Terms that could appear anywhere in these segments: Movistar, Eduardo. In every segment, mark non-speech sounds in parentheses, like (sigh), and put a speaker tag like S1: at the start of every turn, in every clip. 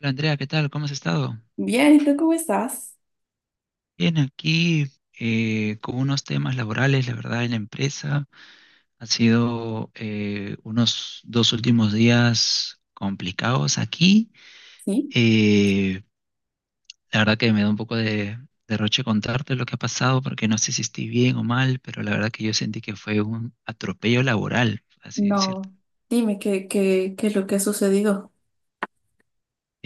S1: Hola Andrea, ¿qué tal? ¿Cómo has estado?
S2: Bien, ¿y tú cómo estás?
S1: Bien, aquí con unos temas laborales, la verdad, en la empresa. Han sido unos 2 últimos días complicados aquí.
S2: Sí,
S1: Eh, la verdad que me da un poco de derroche contarte lo que ha pasado, porque no sé si estoy bien o mal, pero la verdad que yo sentí que fue un atropello laboral, así decirlo.
S2: no, dime qué es lo que ha sucedido.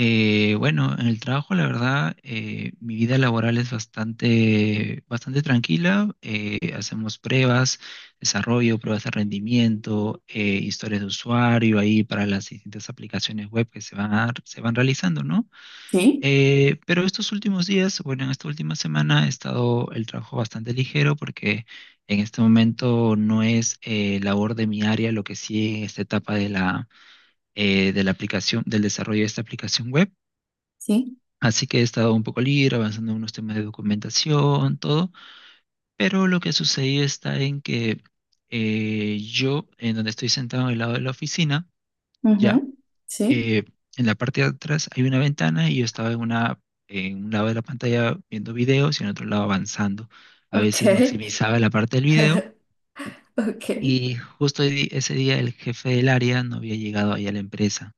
S1: Bueno, en el trabajo, la verdad, mi vida laboral es bastante, bastante tranquila. Hacemos pruebas, desarrollo, pruebas de rendimiento, historias de usuario ahí para las distintas aplicaciones web que se van, se van realizando, ¿no?
S2: Sí,
S1: Pero estos últimos días, bueno, en esta última semana he estado el trabajo bastante ligero porque en este momento no es labor de mi área lo que sí en esta etapa de la aplicación, del desarrollo de esta aplicación web.
S2: sí,
S1: Así que he estado un poco libre, avanzando en unos temas de documentación, todo, pero lo que sucedió está en que yo, en donde estoy sentado en el lado de la oficina, ya,
S2: ujú, sí,
S1: eh, en la parte de atrás hay una ventana y yo estaba en un lado de la pantalla viendo videos y en otro lado avanzando. A veces
S2: ok,
S1: maximizaba la parte del video
S2: (laughs) ok,
S1: y justo ese día el jefe del área no había llegado ahí a la empresa,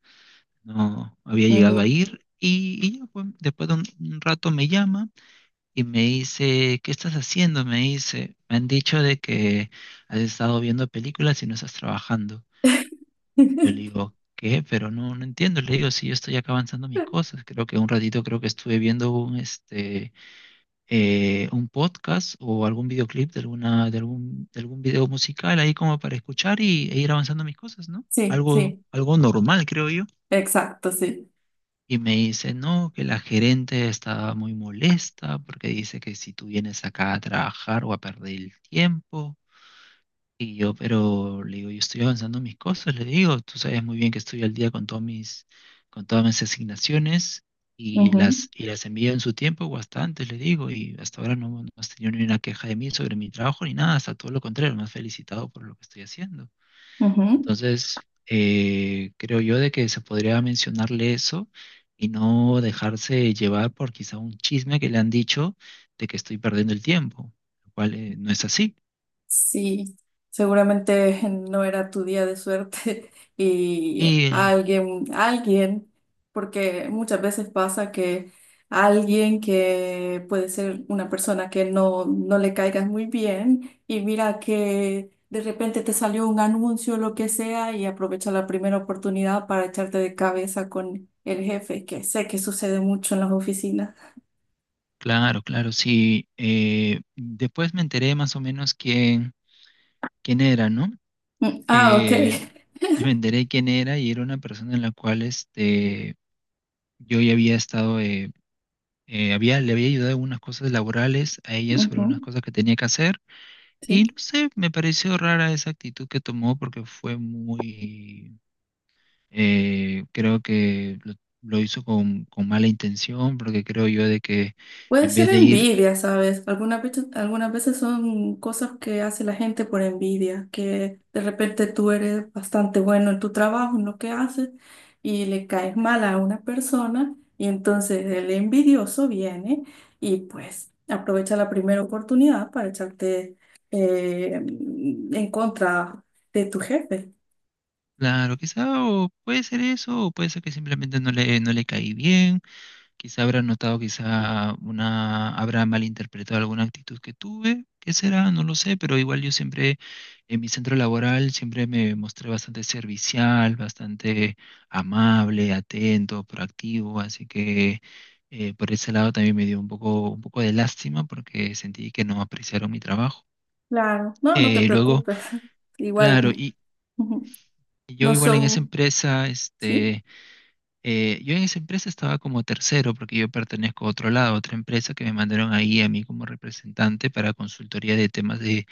S1: no había llegado a
S2: ujú.
S1: ir y ya, pues, después de un rato me llama. Y me dice, ¿qué estás haciendo? Me dice, me han dicho de que has estado viendo películas y no estás trabajando. Yo le
S2: (laughs)
S1: digo, ¿qué? Pero no, no entiendo. Le digo, sí, yo estoy acá avanzando mis cosas. Creo que un ratito creo que estuve viendo un podcast o algún videoclip de alguna, de algún video musical ahí como para escuchar y, e ir avanzando mis cosas, ¿no?
S2: Sí,
S1: Algo,
S2: sí,
S1: algo normal, creo.
S2: exacto, sí.
S1: Y me dice, no, que la gerente está muy molesta porque dice que si tú vienes acá a trabajar o a perder el tiempo. Y yo, pero le digo, yo estoy avanzando en mis cosas, le digo, tú sabes muy bien que estoy al día con todos mis, con todas mis asignaciones y
S2: Ujú,
S1: las envío en su tiempo o hasta antes, le digo, y hasta ahora no, no has tenido ni una queja de mí sobre mi trabajo ni nada, hasta todo lo contrario, me has felicitado por lo que estoy haciendo.
S2: ujú.
S1: Entonces, creo yo de que se podría mencionarle eso y no dejarse llevar por quizá un chisme que le han dicho de que estoy perdiendo el tiempo, lo cual no es así.
S2: Sí, seguramente (laughs) no era tu día de suerte (laughs) y
S1: Y
S2: alguien, porque muchas veces pasa que alguien, que puede ser una persona que no le caigas muy bien, y mira que de repente te salió un anuncio o lo que sea y aprovecha la primera oportunidad para echarte de cabeza con el jefe, que sé que sucede mucho en las oficinas.
S1: claro, claro, sí. Después me enteré más o menos quién era, ¿no?
S2: Mm, ah, ok.
S1: Eh, Me enteré quién era y era una persona en la cual yo ya había estado, le había ayudado en unas cosas laborales a
S2: (laughs)
S1: ella sobre unas
S2: Ujú,
S1: cosas que tenía que hacer. Y no
S2: sí.
S1: sé, me pareció rara esa actitud que tomó porque fue muy, creo que lo hizo con mala intención, porque creo yo de que
S2: Puede
S1: en
S2: ser
S1: vez de ir,
S2: envidia, ¿sabes? Algunas veces son cosas que hace la gente por envidia, que de repente tú eres bastante bueno en tu trabajo, en lo que haces, y le caes mal a una persona, y entonces el envidioso viene y pues aprovecha la primera oportunidad para echarte, en contra de tu jefe.
S1: claro, quizá o puede ser eso, o puede ser que simplemente no le, no le caí bien. Quizá habrá notado, quizá una, habrá malinterpretado alguna actitud que tuve, qué será, no lo sé, pero igual yo siempre en mi centro laboral siempre me mostré bastante servicial, bastante amable, atento, proactivo, así que por ese lado también me dio un poco de lástima porque sentí que no apreciaron mi trabajo.
S2: Claro, no, no te
S1: Luego,
S2: preocupes. (laughs)
S1: claro,
S2: Igual,
S1: y
S2: ujú,
S1: y yo
S2: no
S1: igual en esa
S2: son,
S1: empresa,
S2: ¿sí?
S1: yo en esa empresa estaba como tercero porque yo pertenezco a otro lado, a otra empresa que me mandaron ahí a mí como representante para consultoría de temas de,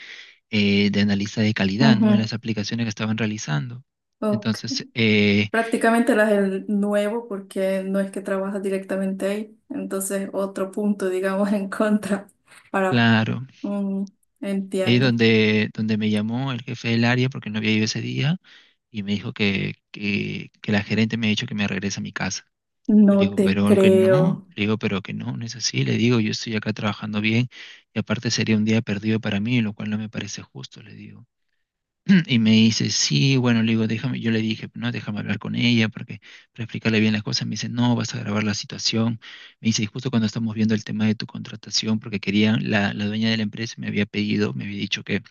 S1: eh, de analista de calidad, ¿no? En
S2: Ujú,
S1: las aplicaciones que estaban realizando.
S2: ok.
S1: Entonces,
S2: Prácticamente las del nuevo, porque no es que trabajas directamente ahí. Entonces, otro punto, digamos, (laughs) en contra para...
S1: claro,
S2: mm,
S1: ahí
S2: entiendo.
S1: donde me llamó el jefe del área porque no había ido ese día y me dijo que la gerente me ha dicho que me regrese a mi casa. Yo le
S2: No
S1: digo,
S2: te
S1: pero que no,
S2: creo.
S1: le digo, pero que no, no es así, le digo, yo estoy acá trabajando bien y aparte sería un día perdido para mí, lo cual no me parece justo, le digo. (clears throat) Y me dice, sí, bueno, le digo, déjame, yo le dije, no, déjame hablar con ella porque, para explicarle bien las cosas, me dice, no, vas a agravar la situación. Me dice, y justo cuando estamos viendo el tema de tu contratación, porque quería, la dueña de la empresa me había pedido, me había dicho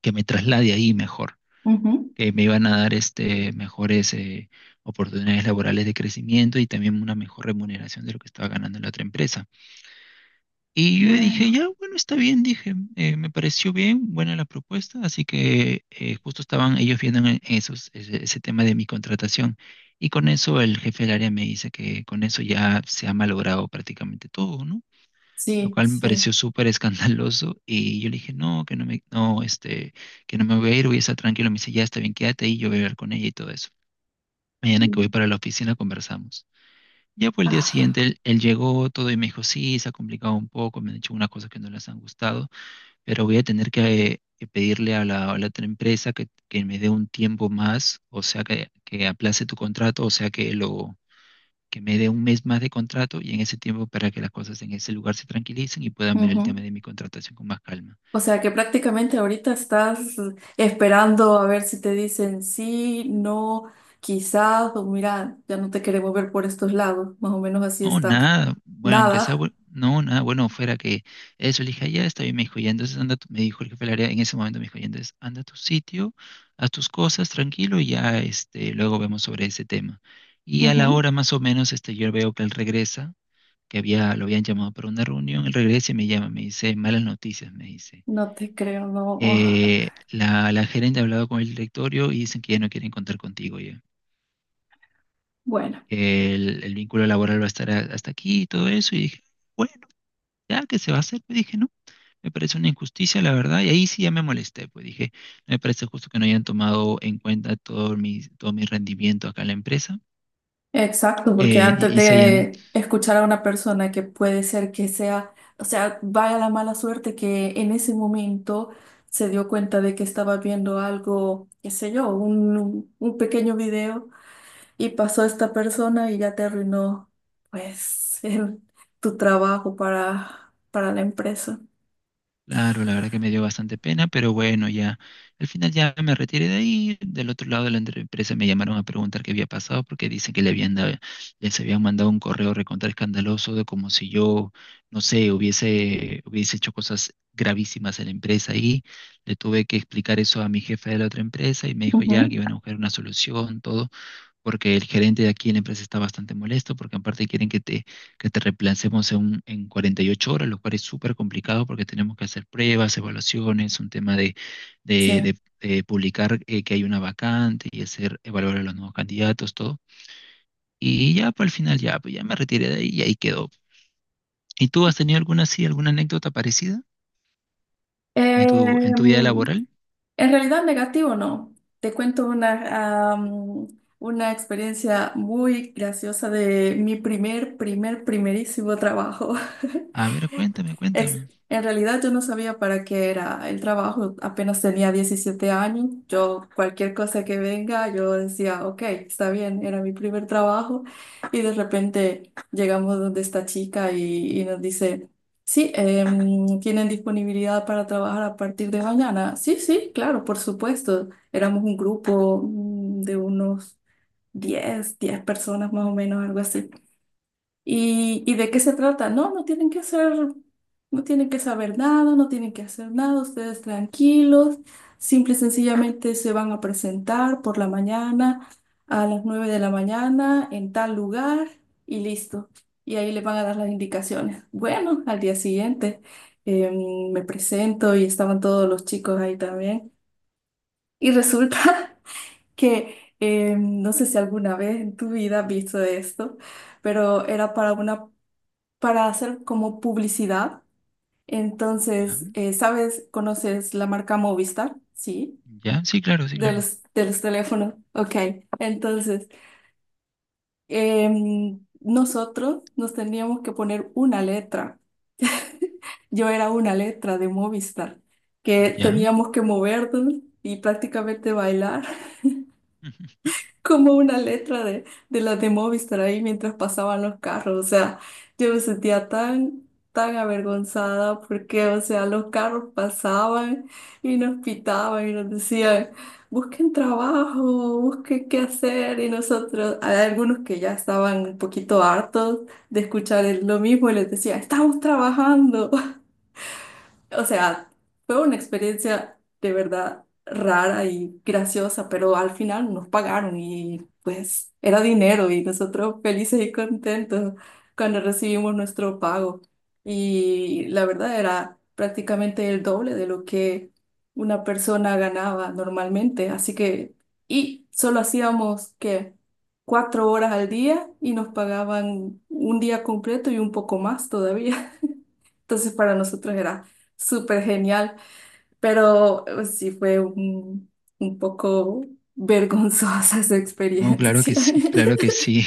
S1: que me traslade ahí mejor
S2: Ujú.
S1: que me iban a dar este, mejores oportunidades laborales de crecimiento y también una mejor remuneración de lo que estaba ganando en la otra empresa. Y yo dije,
S2: Bueno,
S1: ya, bueno, está bien, dije, me pareció bien, buena la propuesta, así que justo estaban ellos viendo en ese tema de mi contratación. Y con eso el jefe del área me dice que con eso ya se ha malogrado prácticamente todo, ¿no? Lo
S2: sí,
S1: cual me
S2: sí.
S1: pareció súper escandaloso y yo le dije, no, que no me, no, que no me voy a ir, voy a estar tranquilo. Me dice, ya está bien, quédate ahí, yo voy a hablar con ella y todo eso. Mañana que voy
S2: Mm.
S1: para la oficina conversamos. Ya fue el día siguiente,
S2: Ah,
S1: él llegó todo y me dijo, sí, se ha complicado un poco, me han hecho unas cosas que no les han gustado, pero voy a tener que pedirle a la otra empresa que me dé un tiempo más, o sea, que aplace tu contrato, o sea, que lo que me dé un mes más de contrato y en ese tiempo para que las cosas en ese lugar se tranquilicen y puedan ver el
S2: ujú.
S1: tema de mi contratación con más calma.
S2: O sea que prácticamente ahorita estás esperando a ver si te dicen sí, no, quizás, o mira, ya no te queremos ver por estos lados. Más o menos así
S1: No,
S2: está.
S1: nada, bueno, aunque sea,
S2: Nada.
S1: no, nada, bueno, fuera que eso, le dije, "Ah, ya está bien, me dijo, ya, entonces anda, me dijo el jefe del área, en ese momento me dijo, ya, entonces anda a tu sitio, haz tus cosas, tranquilo, y ya, luego vemos sobre ese tema. Y a la
S2: Ujú.
S1: hora más o menos, yo veo que él regresa, que había, lo habían llamado para una reunión, él regresa y me llama, me dice, malas noticias, me dice.
S2: No te creo, no.
S1: La, la gerente ha hablado con el directorio y dicen que ya no quieren contar contigo ya.
S2: Bueno,
S1: Que el vínculo laboral va a estar hasta aquí y todo eso. Y dije, bueno, ya que se va a hacer, pues dije, no, me parece una injusticia, la verdad. Y ahí sí ya me molesté, pues dije, no me parece justo que no hayan tomado en cuenta todo mi rendimiento acá en la empresa.
S2: exacto, porque
S1: eh,
S2: antes
S1: y, y se hayan.
S2: de escuchar a una persona que puede ser que sea, o sea, vaya la mala suerte que en ese momento se dio cuenta de que estaba viendo algo, qué sé yo, un pequeño video, y pasó esta persona y ya te arruinó, pues, (laughs) tu trabajo para la empresa.
S1: Claro, la verdad que me dio bastante pena, pero bueno, ya al final ya me retiré de ahí. Del otro lado de la empresa me llamaron a preguntar qué había pasado porque dicen que les habían mandado un correo recontra escandaloso de como si yo, no sé, hubiese, hubiese hecho cosas gravísimas en la empresa y le tuve que explicar eso a mi jefe de la otra empresa y me dijo ya que
S2: Ujú,
S1: iban a buscar una solución, todo porque el gerente de aquí en la empresa está bastante molesto, porque aparte quieren que te reemplacemos en, en 48 horas, lo cual es súper complicado porque tenemos que hacer pruebas, evaluaciones, un tema de,
S2: sí.
S1: de- de publicar que hay una vacante y hacer evaluar a los nuevos candidatos, todo. Y ya para el final, ya, pues ya me retiré de ahí y ahí quedó. ¿Y tú has tenido alguna así, alguna anécdota parecida en tu vida
S2: Em,
S1: laboral?
S2: En realidad negativo no. Te cuento una experiencia muy graciosa de mi primerísimo trabajo.
S1: A ver,
S2: (laughs)
S1: cuéntame,
S2: Ex-
S1: cuéntame.
S2: En realidad yo no sabía para qué era el trabajo, apenas tenía 17 años, yo cualquier cosa que venga, yo decía, ok, está bien, era mi primer trabajo, y de repente llegamos donde esta chica y nos dice, sí, ¿tienen disponibilidad para trabajar a partir de mañana? Sí, sí, claro, por supuesto. Éramos un grupo de unos diez personas más o menos, algo así. ¿Y de qué se trata? No, no tienen que hacer, no tienen que saber nada, no tienen que hacer nada, ustedes tranquilos, simple y sencillamente se van a presentar por la mañana, a las 9 de la mañana, en tal lugar y listo. Y ahí les van a dar las indicaciones. Bueno, al día siguiente me presento y estaban todos los chicos ahí también. Y resulta (laughs) que no sé si alguna vez en tu vida has visto esto, pero era para una para hacer como publicidad. Entonces,
S1: Ya,
S2: ¿sabes? ¿Conoces la marca Movistar? Sí,
S1: ya, sí, claro, sí,
S2: de
S1: claro.
S2: los, de los teléfonos. Ok, entonces, nosotros nos teníamos que poner una letra. (laughs) Yo era una letra de Movistar, que
S1: Ya.
S2: teníamos que movernos y prácticamente bailar,
S1: (laughs)
S2: como una letra de las de Movistar ahí, mientras pasaban los carros. O sea, yo me sentía tan, tan avergonzada, porque, o sea, los carros pasaban y nos pitaban y nos decían, busquen trabajo, busquen qué hacer. Y nosotros, hay algunos que ya estaban un poquito hartos de escuchar lo mismo, y les decía, estamos trabajando. O sea, fue una experiencia de verdad rara y graciosa, pero al final nos pagaron y pues era dinero y nosotros felices y contentos cuando recibimos nuestro pago. Y la verdad era prácticamente el doble de lo que una persona ganaba normalmente. Así que, y solo hacíamos que 4 horas al día y nos pagaban un día completo y un poco más todavía. (laughs) Entonces para nosotros era súper genial, pero sí fue un, poco vergonzosa esa
S1: No, claro que
S2: experiencia.
S1: sí, claro que
S2: (laughs)
S1: sí.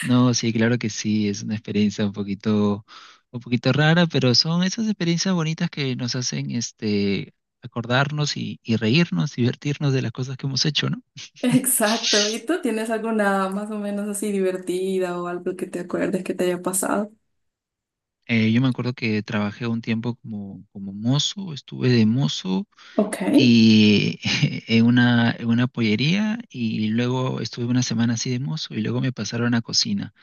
S1: No, sí, claro que sí, es una experiencia un poquito rara, pero son esas experiencias bonitas que nos hacen acordarnos y reírnos, divertirnos de las cosas que hemos hecho, ¿no?
S2: Exacto. ¿Y tú tienes alguna más o menos así divertida o algo que te acuerdes que te haya pasado?
S1: Yo me acuerdo que trabajé un tiempo como, como mozo, estuve de mozo
S2: Ok.
S1: y (laughs) en una pollería y luego estuve una semana así de mozo y luego me pasaron a cocina.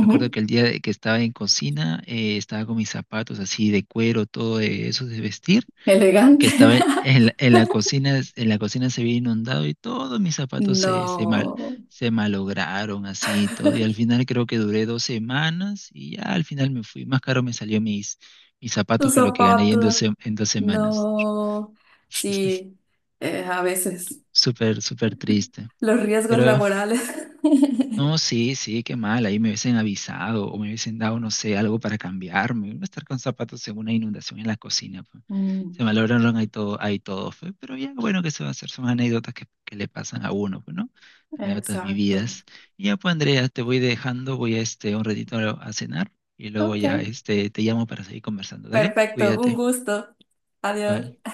S1: Me acuerdo que el día de que estaba en cocina estaba con mis zapatos así de cuero, todo de esos de vestir.
S2: Elegante.
S1: Que estaba
S2: (laughs)
S1: en la cocina se había inundado y todos mis zapatos se, se, mal,
S2: No.
S1: se malograron así y todo. Y al final creo que duré 2 semanas y ya al final me fui. Más caro me salió mis, mis
S2: Tu
S1: zapatos que lo que gané en dos,
S2: zapato.
S1: se- en dos semanas.
S2: No. Sí. A veces
S1: Súper, súper triste.
S2: los riesgos
S1: Pero
S2: laborales. (laughs)
S1: no, sí, sí, qué mal, ahí me hubiesen avisado o me hubiesen dado, no sé, algo para cambiarme. No estar con zapatos en una inundación en la cocina, pues.
S2: Mm,
S1: Se malograron ahí todo, fue. Pero ya, bueno, ¿que se va a hacer? Son anécdotas que le pasan a uno, pues, ¿no? Anécdotas
S2: exacto.
S1: vividas. Y ya, pues, Andrea, te voy dejando, voy a un ratito a cenar y luego
S2: Ok.
S1: ya, te llamo para seguir conversando. Dale,
S2: Perfecto, un
S1: cuídate.
S2: gusto.
S1: Vale.
S2: Adiós.